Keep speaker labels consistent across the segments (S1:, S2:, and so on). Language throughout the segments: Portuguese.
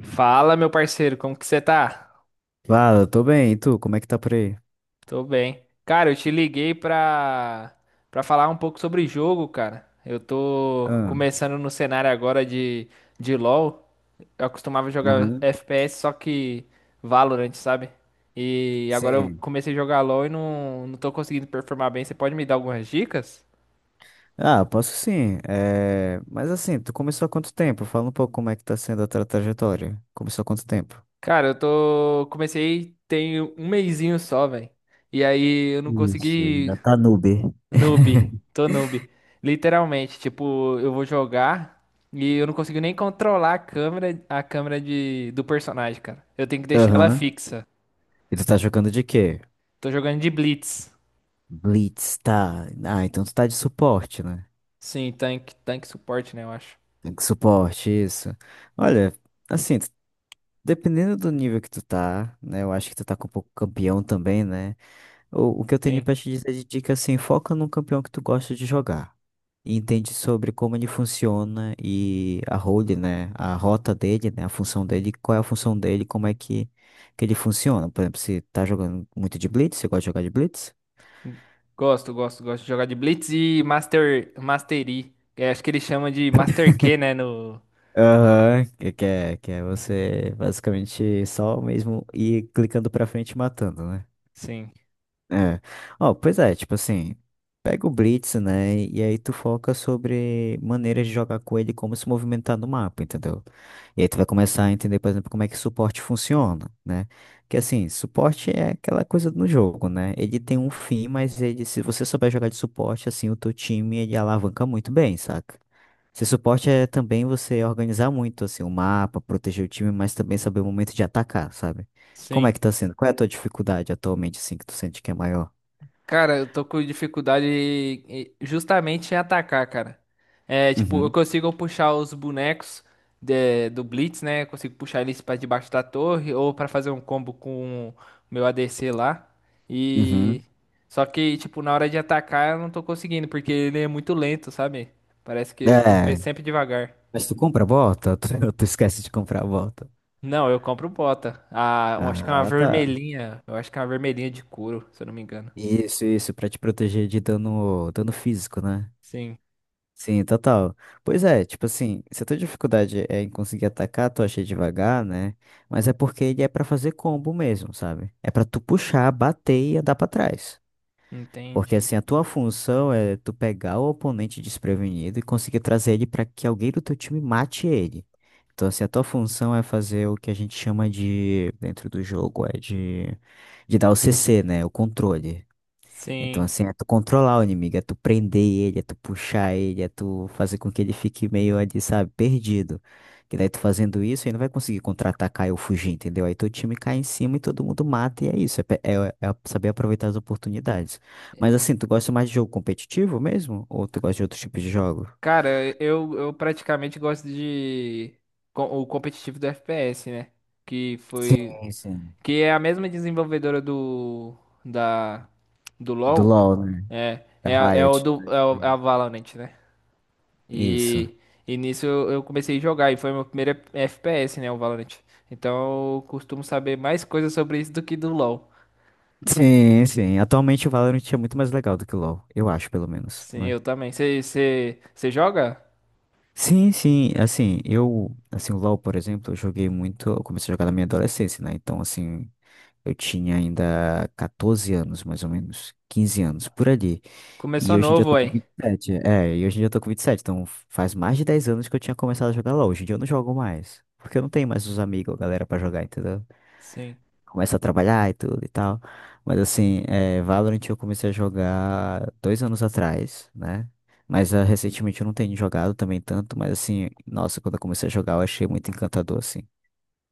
S1: Fala, meu parceiro, como que você tá?
S2: Claro, eu tô bem. E tu, como é que tá por aí?
S1: Tô bem. Cara, eu te liguei pra falar um pouco sobre jogo, cara. Eu tô
S2: Ah,
S1: começando no cenário agora de LoL. Eu costumava jogar
S2: aham.
S1: FPS, só que Valorant, sabe? E agora eu
S2: Sim.
S1: comecei a jogar LoL e não tô conseguindo performar bem. Você pode me dar algumas dicas?
S2: Ah, posso sim. Mas assim, tu começou há quanto tempo? Fala um pouco como é que tá sendo a tua trajetória. Começou há quanto tempo?
S1: Cara, eu tô. Comecei tem um mesinho só, velho. E aí eu não
S2: Ixi,
S1: consegui.
S2: ainda tá noob.
S1: Noob, tô noob. Literalmente, tipo, eu vou jogar e eu não consigo nem controlar a câmera do personagem, cara. Eu tenho que deixar ela
S2: Aham.
S1: fixa.
S2: E tu tá jogando de quê?
S1: Tô jogando de Blitz.
S2: Blitz, tá. Ah, então tu tá de suporte, né?
S1: Sim, tanque suporte, né, eu acho.
S2: Tem que Suporte, isso. Olha, assim, dependendo do nível que tu tá, né? Eu acho que tu tá com um pouco campeão também, né? O que eu tenho
S1: Sim.
S2: pra te dizer de dica assim, foca num campeão que tu gosta de jogar. E entende sobre como ele funciona e a role, né? A rota dele, né? A função dele, qual é a função dele, como é que, ele funciona. Por exemplo, se tá jogando muito de Blitz, você gosta de jogar de Blitz?
S1: Gosto de jogar de Blitz e Master, Mastery. É, acho que ele chama de Master Q, né, no...
S2: Aham, que é você basicamente só mesmo ir clicando pra frente e matando, né?
S1: Sim,
S2: É. Ó, pois é, tipo assim, pega o Blitz, né? E aí tu foca sobre maneiras de jogar com ele, e como se movimentar no mapa, entendeu? E aí tu vai começar a entender, por exemplo, como é que suporte funciona, né? Que assim, suporte é aquela coisa no jogo, né? Ele tem um fim, mas ele, se você souber jogar de suporte, assim, o teu time, ele alavanca muito bem, saca? Se suporte é também você organizar muito, assim, o mapa, proteger o time, mas também saber o momento de atacar, sabe? Como é
S1: sim.
S2: que tá sendo? Qual é a tua dificuldade atualmente, assim, que tu sente que é maior?
S1: Cara, eu tô com dificuldade justamente em atacar, cara. É, tipo, eu
S2: Uhum,
S1: consigo puxar os bonecos do Blitz, né? Eu consigo puxar eles pra debaixo da torre ou pra fazer um combo com o meu ADC lá. E
S2: uhum.
S1: só que, tipo, na hora de atacar eu não tô conseguindo porque ele é muito lento, sabe? Parece que eu tô
S2: É,
S1: sempre devagar.
S2: mas tu compra a bota? Tu esquece de comprar a bota.
S1: Não, eu compro bota. Ah, eu acho que é uma
S2: Ah, tá.
S1: vermelhinha. Eu acho que é uma vermelhinha de couro, se eu não me engano.
S2: Isso, pra te proteger de dano, dano físico, né?
S1: Sim,
S2: Sim, total. Pois é, tipo assim, se a tua dificuldade é em conseguir atacar, tu acha devagar, né? Mas é porque ele é pra fazer combo mesmo, sabe? É pra tu puxar, bater e andar pra trás. Porque
S1: entendi.
S2: assim, a tua função é tu pegar o oponente desprevenido e conseguir trazer ele para que alguém do teu time mate ele. Então, assim, a tua função é fazer o que a gente chama de, dentro do jogo, é de dar o CC, né? O controle. Então,
S1: Sim.
S2: assim, é tu controlar o inimigo, é tu prender ele, é tu puxar ele, é tu fazer com que ele fique meio ali, sabe, perdido. Que daí tu fazendo isso, ele não vai conseguir contra-atacar ou fugir, entendeu? Aí teu time cai em cima e todo mundo mata, e é isso, é saber aproveitar as oportunidades. Mas assim, tu gosta mais de jogo competitivo mesmo? Ou tu gosta de outros tipos de jogo?
S1: Cara, eu praticamente gosto de o competitivo do FPS, né? Que foi
S2: Sim, sim.
S1: que é a mesma desenvolvedora da do
S2: Do
S1: LoL,
S2: LoL, né?
S1: é
S2: Da
S1: é, a- é o
S2: Riot.
S1: do é,
S2: Riot
S1: o- é a
S2: Games.
S1: Valorant, né?
S2: Isso.
S1: E e nisso eu comecei a jogar e foi meu primeiro FPS, né, o Valorant. Então eu costumo saber mais coisas sobre isso do que do LoL.
S2: Sim, sim. Atualmente o Valorant é muito mais legal do que o LoL, eu acho, pelo menos,
S1: Sim,
S2: né?
S1: eu também. Você joga?
S2: Sim, sim, assim, eu, assim, o LoL, por exemplo, eu joguei muito, eu comecei a jogar na minha adolescência, né? Então, assim, eu tinha ainda 14 anos, mais ou menos, 15 anos, por ali. E
S1: Começou
S2: hoje em dia eu
S1: novo,
S2: tô com
S1: aí.
S2: 27 e hoje em dia eu tô com vinte e sete, então faz mais de 10 anos que eu tinha começado a jogar LoL. Hoje em dia eu não jogo mais, porque eu não tenho mais os amigos, a galera pra jogar, entendeu?
S1: Sim.
S2: Começa a trabalhar e tudo e tal. Mas assim, é, Valorant eu comecei a jogar 2 anos atrás, né? Mas recentemente eu não tenho jogado também tanto, mas assim, nossa, quando eu comecei a jogar eu achei muito encantador, assim.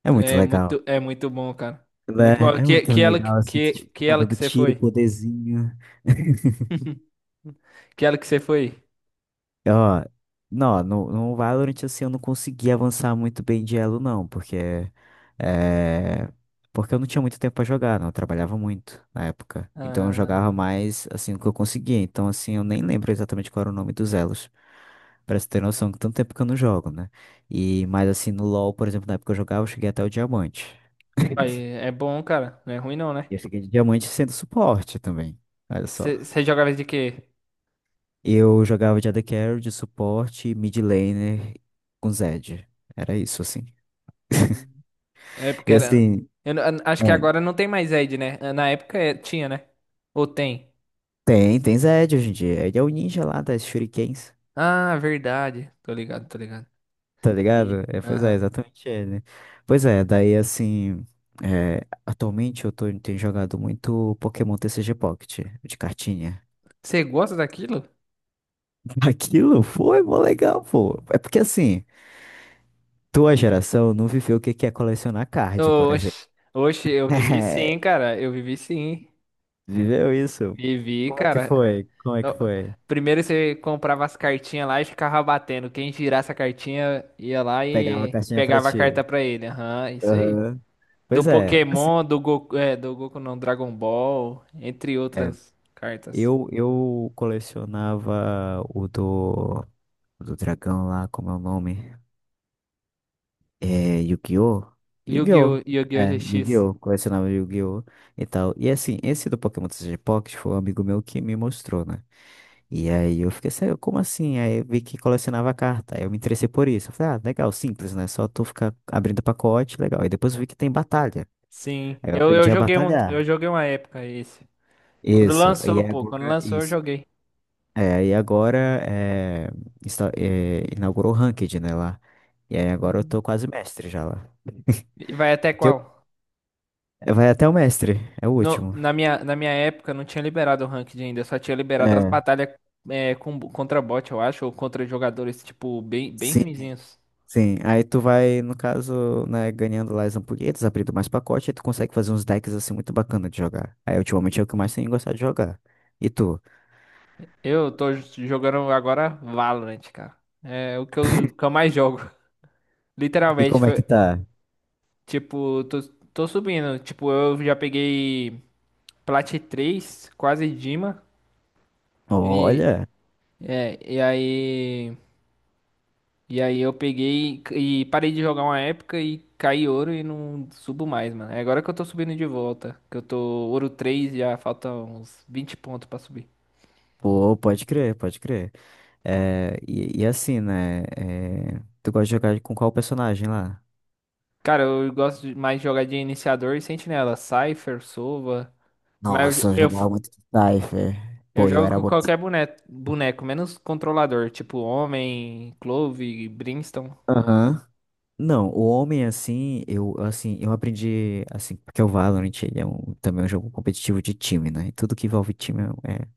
S2: É muito
S1: É
S2: legal,
S1: muito, é muito bom, cara. É
S2: né?
S1: muito bom.
S2: É
S1: Que,
S2: muito
S1: que ela
S2: legal, assim,
S1: que,
S2: tipo,
S1: que ela
S2: cada
S1: que
S2: do
S1: você
S2: tiro, o
S1: foi?
S2: poderzinho.
S1: Que ela que você foi?
S2: Ó, não, no Valorant, assim, eu não consegui avançar muito bem de elo, não, porque, é, porque eu não tinha muito tempo pra jogar, não, eu trabalhava muito na época. Então eu
S1: Ah,
S2: jogava mais, assim, o que eu conseguia. Então, assim, eu nem lembro exatamente qual era o nome dos elos. Pra você ter noção, que tanto tempo que eu não jogo, né? E, mas, assim, no LoL, por exemplo, na época que eu jogava, eu cheguei até o diamante.
S1: aí, é bom, cara. Não é ruim não, né?
S2: E eu cheguei de diamante sendo suporte também, olha só.
S1: Você jogava de quê?
S2: Eu jogava de AD Carry, de suporte, mid laner com Zed. Era isso, assim.
S1: Hum. É porque
S2: E
S1: era.
S2: assim,
S1: Eu acho que
S2: é,
S1: agora não tem mais Ed, né? Na época tinha, né? Ou tem?
S2: tem Zed hoje em dia. Ele é o ninja lá das shurikens,
S1: Ah, verdade. Tô ligado, tô ligado.
S2: tá
S1: E-
S2: ligado? É, pois é,
S1: Aham.
S2: exatamente ele. Pois é, daí assim, atualmente eu tenho jogado muito Pokémon TCG Pocket, de cartinha.
S1: Você gosta daquilo?
S2: Aquilo foi mó legal, pô. É porque assim, tua geração não viveu o que que é colecionar card, por exemplo.
S1: Oxe, oxe, eu vivi sim, cara. Eu vivi sim.
S2: Viveu isso?
S1: Vivi,
S2: Como é que
S1: cara.
S2: foi? Como é que
S1: Não,
S2: foi?
S1: primeiro você comprava as cartinhas lá e ficava batendo. Quem girasse a cartinha ia lá
S2: Pegava a
S1: e
S2: caixinha pra
S1: pegava a
S2: ti.
S1: carta pra ele. Aham, isso aí.
S2: Aham.
S1: Do
S2: Pois é, assim,
S1: Pokémon, do Goku, é, do Goku não, Dragon Ball, entre
S2: é,
S1: outras cartas.
S2: eu colecionava o do dragão lá, como é o nome? É, Yu-Gi-Oh! Yu-Gi-Oh!
S1: Yu-Gi-Oh! Yu-Gi-Oh!
S2: É,
S1: GX.
S2: Yu-Gi-Oh! Colecionava Yu-Gi-Oh! E tal. E assim, esse do Pokémon TCG Pocket foi um amigo meu que me mostrou, né? E aí eu fiquei assim, como assim? Aí eu vi que colecionava carta. Aí eu me interessei por isso. Eu falei, ah, legal, simples, né? Só tu ficar abrindo pacote, legal. Aí depois eu vi que tem batalha.
S1: Sim,
S2: Aí eu
S1: eu, eu
S2: aprendi a
S1: joguei um,
S2: batalhar.
S1: eu joguei uma época esse. Quando
S2: Isso. E
S1: lançou,
S2: aí
S1: pô, quando
S2: agora,
S1: lançou eu
S2: isso.
S1: joguei.
S2: É, e agora é, inaugurou o Ranked, né, lá. E aí agora eu
S1: Hum.
S2: tô quase mestre já lá.
S1: E vai até
S2: Que
S1: qual?
S2: Vai até o mestre, é o
S1: No-
S2: último.
S1: na minha, na minha época não tinha liberado o ranked ainda, só tinha liberado as
S2: É.
S1: batalhas contra bot, eu acho, ou contra jogadores, tipo, bem, bem
S2: Sim.
S1: ruinzinhos.
S2: Sim, aí tu vai, no caso, né, ganhando lá as ampulhetas, abrindo mais pacote, aí tu consegue fazer uns decks assim muito bacana de jogar. Aí ultimamente é o que eu mais
S1: Sim.
S2: tenho gostado de jogar. E tu?
S1: Eu tô jogando agora Valorant, cara. É o que que eu mais jogo.
S2: E
S1: Literalmente,
S2: como é
S1: foi,
S2: que tá?
S1: tipo, tô subindo. Tipo, eu já peguei Plat 3 quase Dima. E,
S2: Olha,
S1: e aí. E aí eu peguei e parei de jogar uma época e caí ouro e não subo mais, mano. É agora que eu tô subindo de volta. Que eu tô ouro 3, já falta uns vinte pontos pra subir.
S2: pô, pode crer, pode crer. É, e assim, né? É, tu gosta de jogar com qual personagem lá?
S1: Cara, eu gosto mais de jogar de iniciador e sentinela. Cypher, Sova. Mas eu,
S2: Nossa, eu
S1: eu, f-
S2: jogava muito de Cypher.
S1: eu
S2: Pô, eu
S1: jogo
S2: era
S1: com
S2: bom de
S1: qualquer
S2: Cypher.
S1: boneco, menos controlador. Tipo Homem, Clove, Brimstone.
S2: Aham. Não, o homem assim, eu aprendi assim, porque o Valorant ele é um, também é um jogo competitivo de time, né? E tudo que envolve time é, é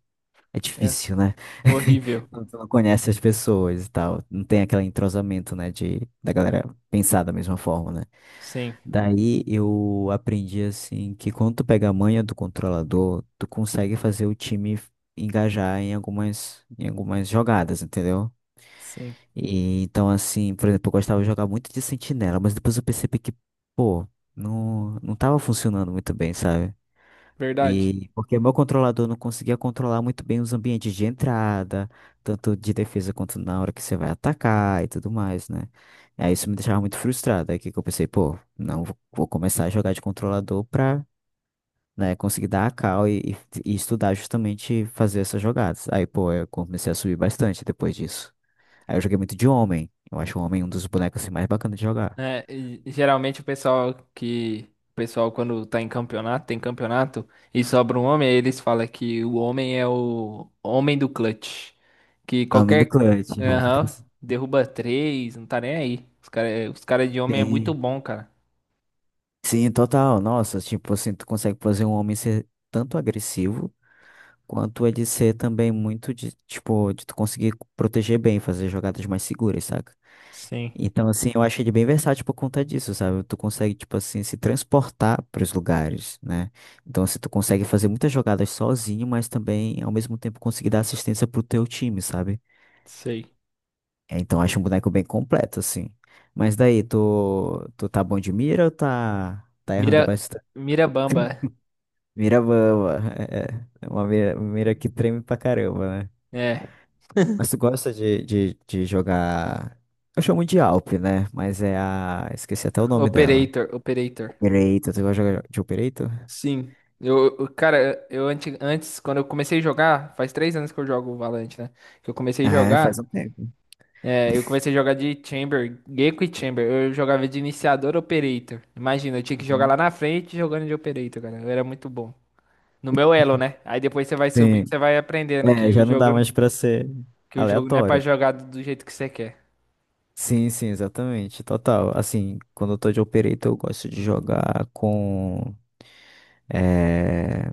S2: é
S1: É.
S2: difícil, né?
S1: Horrível.
S2: Quando tu não conhece as pessoas e tal, não tem aquele entrosamento, né, de da galera pensar da mesma forma, né?
S1: Sim,
S2: Daí eu aprendi assim que quando tu pega a manha do controlador, tu consegue fazer o time engajar em algumas jogadas, entendeu?
S1: sim.
S2: E então, assim, por exemplo, eu gostava de jogar muito de Sentinela, mas depois eu percebi que, pô, não, não tava funcionando muito bem, sabe?
S1: Verdade.
S2: E porque meu controlador não conseguia controlar muito bem os ambientes de entrada, tanto de defesa quanto na hora que você vai atacar e tudo mais, né? E aí isso me deixava muito frustrado. Aí que eu pensei, pô, não, vou começar a jogar de controlador pra, né, conseguir dar a cal e estudar justamente fazer essas jogadas. Aí, pô, eu comecei a subir bastante depois disso. Aí eu joguei muito de Homem. Eu acho o Homem um dos bonecos assim, mais bacanas de jogar.
S1: É, e geralmente o pessoal que. O pessoal, quando tá em campeonato, tem campeonato, e sobra um homem, aí eles falam que o homem é o homem do clutch. Que
S2: Homem do
S1: qualquer.
S2: Clutch.
S1: Aham, derruba três, não tá nem aí. Os cara de homem é muito
S2: Sim.
S1: bom, cara.
S2: Sim, total. Nossa, tipo assim, tu consegue fazer um homem ser tanto agressivo, quanto ele ser também muito de, tipo, de tu conseguir proteger bem, fazer jogadas mais seguras, saca?
S1: Sim,
S2: Então, assim, eu acho ele bem versátil por conta disso, sabe? Tu consegue, tipo assim, se transportar para os lugares, né? Então, assim, tu consegue fazer muitas jogadas sozinho, mas também, ao mesmo tempo, conseguir dar assistência pro teu time, sabe?
S1: sei.
S2: É, então acho um boneco bem completo, assim. Mas daí, tu tá bom de mira ou tá
S1: Mira,
S2: errando bastante?
S1: Mira Bamba.
S2: Mira boa. É, é uma mira, mira que treme pra caramba, né?
S1: É.
S2: Mas tu gosta de jogar. Eu chamo de Alp, né? Mas é a. Esqueci até o nome dela.
S1: Operator, Operator.
S2: Operator, tu gosta de jogar de Operator?
S1: Sim. Cara, eu antes, quando eu comecei a jogar, faz três anos que eu jogo o Valorant, né? Que eu comecei a
S2: É,
S1: jogar.
S2: faz um tempo.
S1: É, eu comecei a jogar de Chamber, Gecko e Chamber. Eu jogava de iniciador Operator. Imagina, eu tinha que jogar lá
S2: Uhum.
S1: na frente jogando de Operator, cara. Eu era muito bom. No meu elo, né? Aí depois você vai subindo,
S2: Sim.
S1: você vai aprendendo
S2: É,
S1: que o
S2: já não dá
S1: jogo,
S2: mais pra ser
S1: que o jogo não é pra
S2: aleatório.
S1: jogar do jeito que você quer.
S2: Sim, sim, exatamente. Total. Assim, quando eu tô de operator, eu gosto de jogar com. É...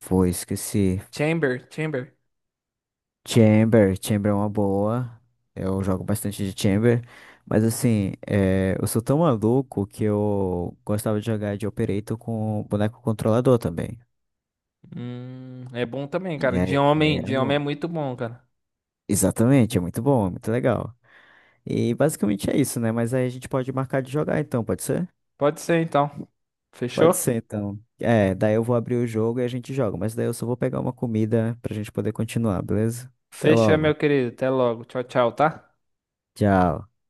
S2: Foi, esqueci.
S1: Chamber, Chamber.
S2: Chamber é uma boa. Eu jogo bastante de Chamber. Mas assim, eu sou tão maluco que eu gostava de jogar de Operator com boneco controlador também.
S1: É bom também,
S2: E
S1: cara.
S2: aí,
S1: De
S2: e aí
S1: homem,
S2: era
S1: de homem é
S2: bom.
S1: muito bom, cara.
S2: Exatamente, é muito bom, é muito legal. E basicamente é isso, né? Mas aí a gente pode marcar de jogar então, pode ser?
S1: Pode ser então.
S2: Pode
S1: Fechou?
S2: ser então. É, daí eu vou abrir o jogo e a gente joga. Mas daí eu só vou pegar uma comida pra gente poder continuar, beleza? Até
S1: Fecha, meu
S2: logo.
S1: querido. Até logo. Tchau, tchau, tá?
S2: Tchau.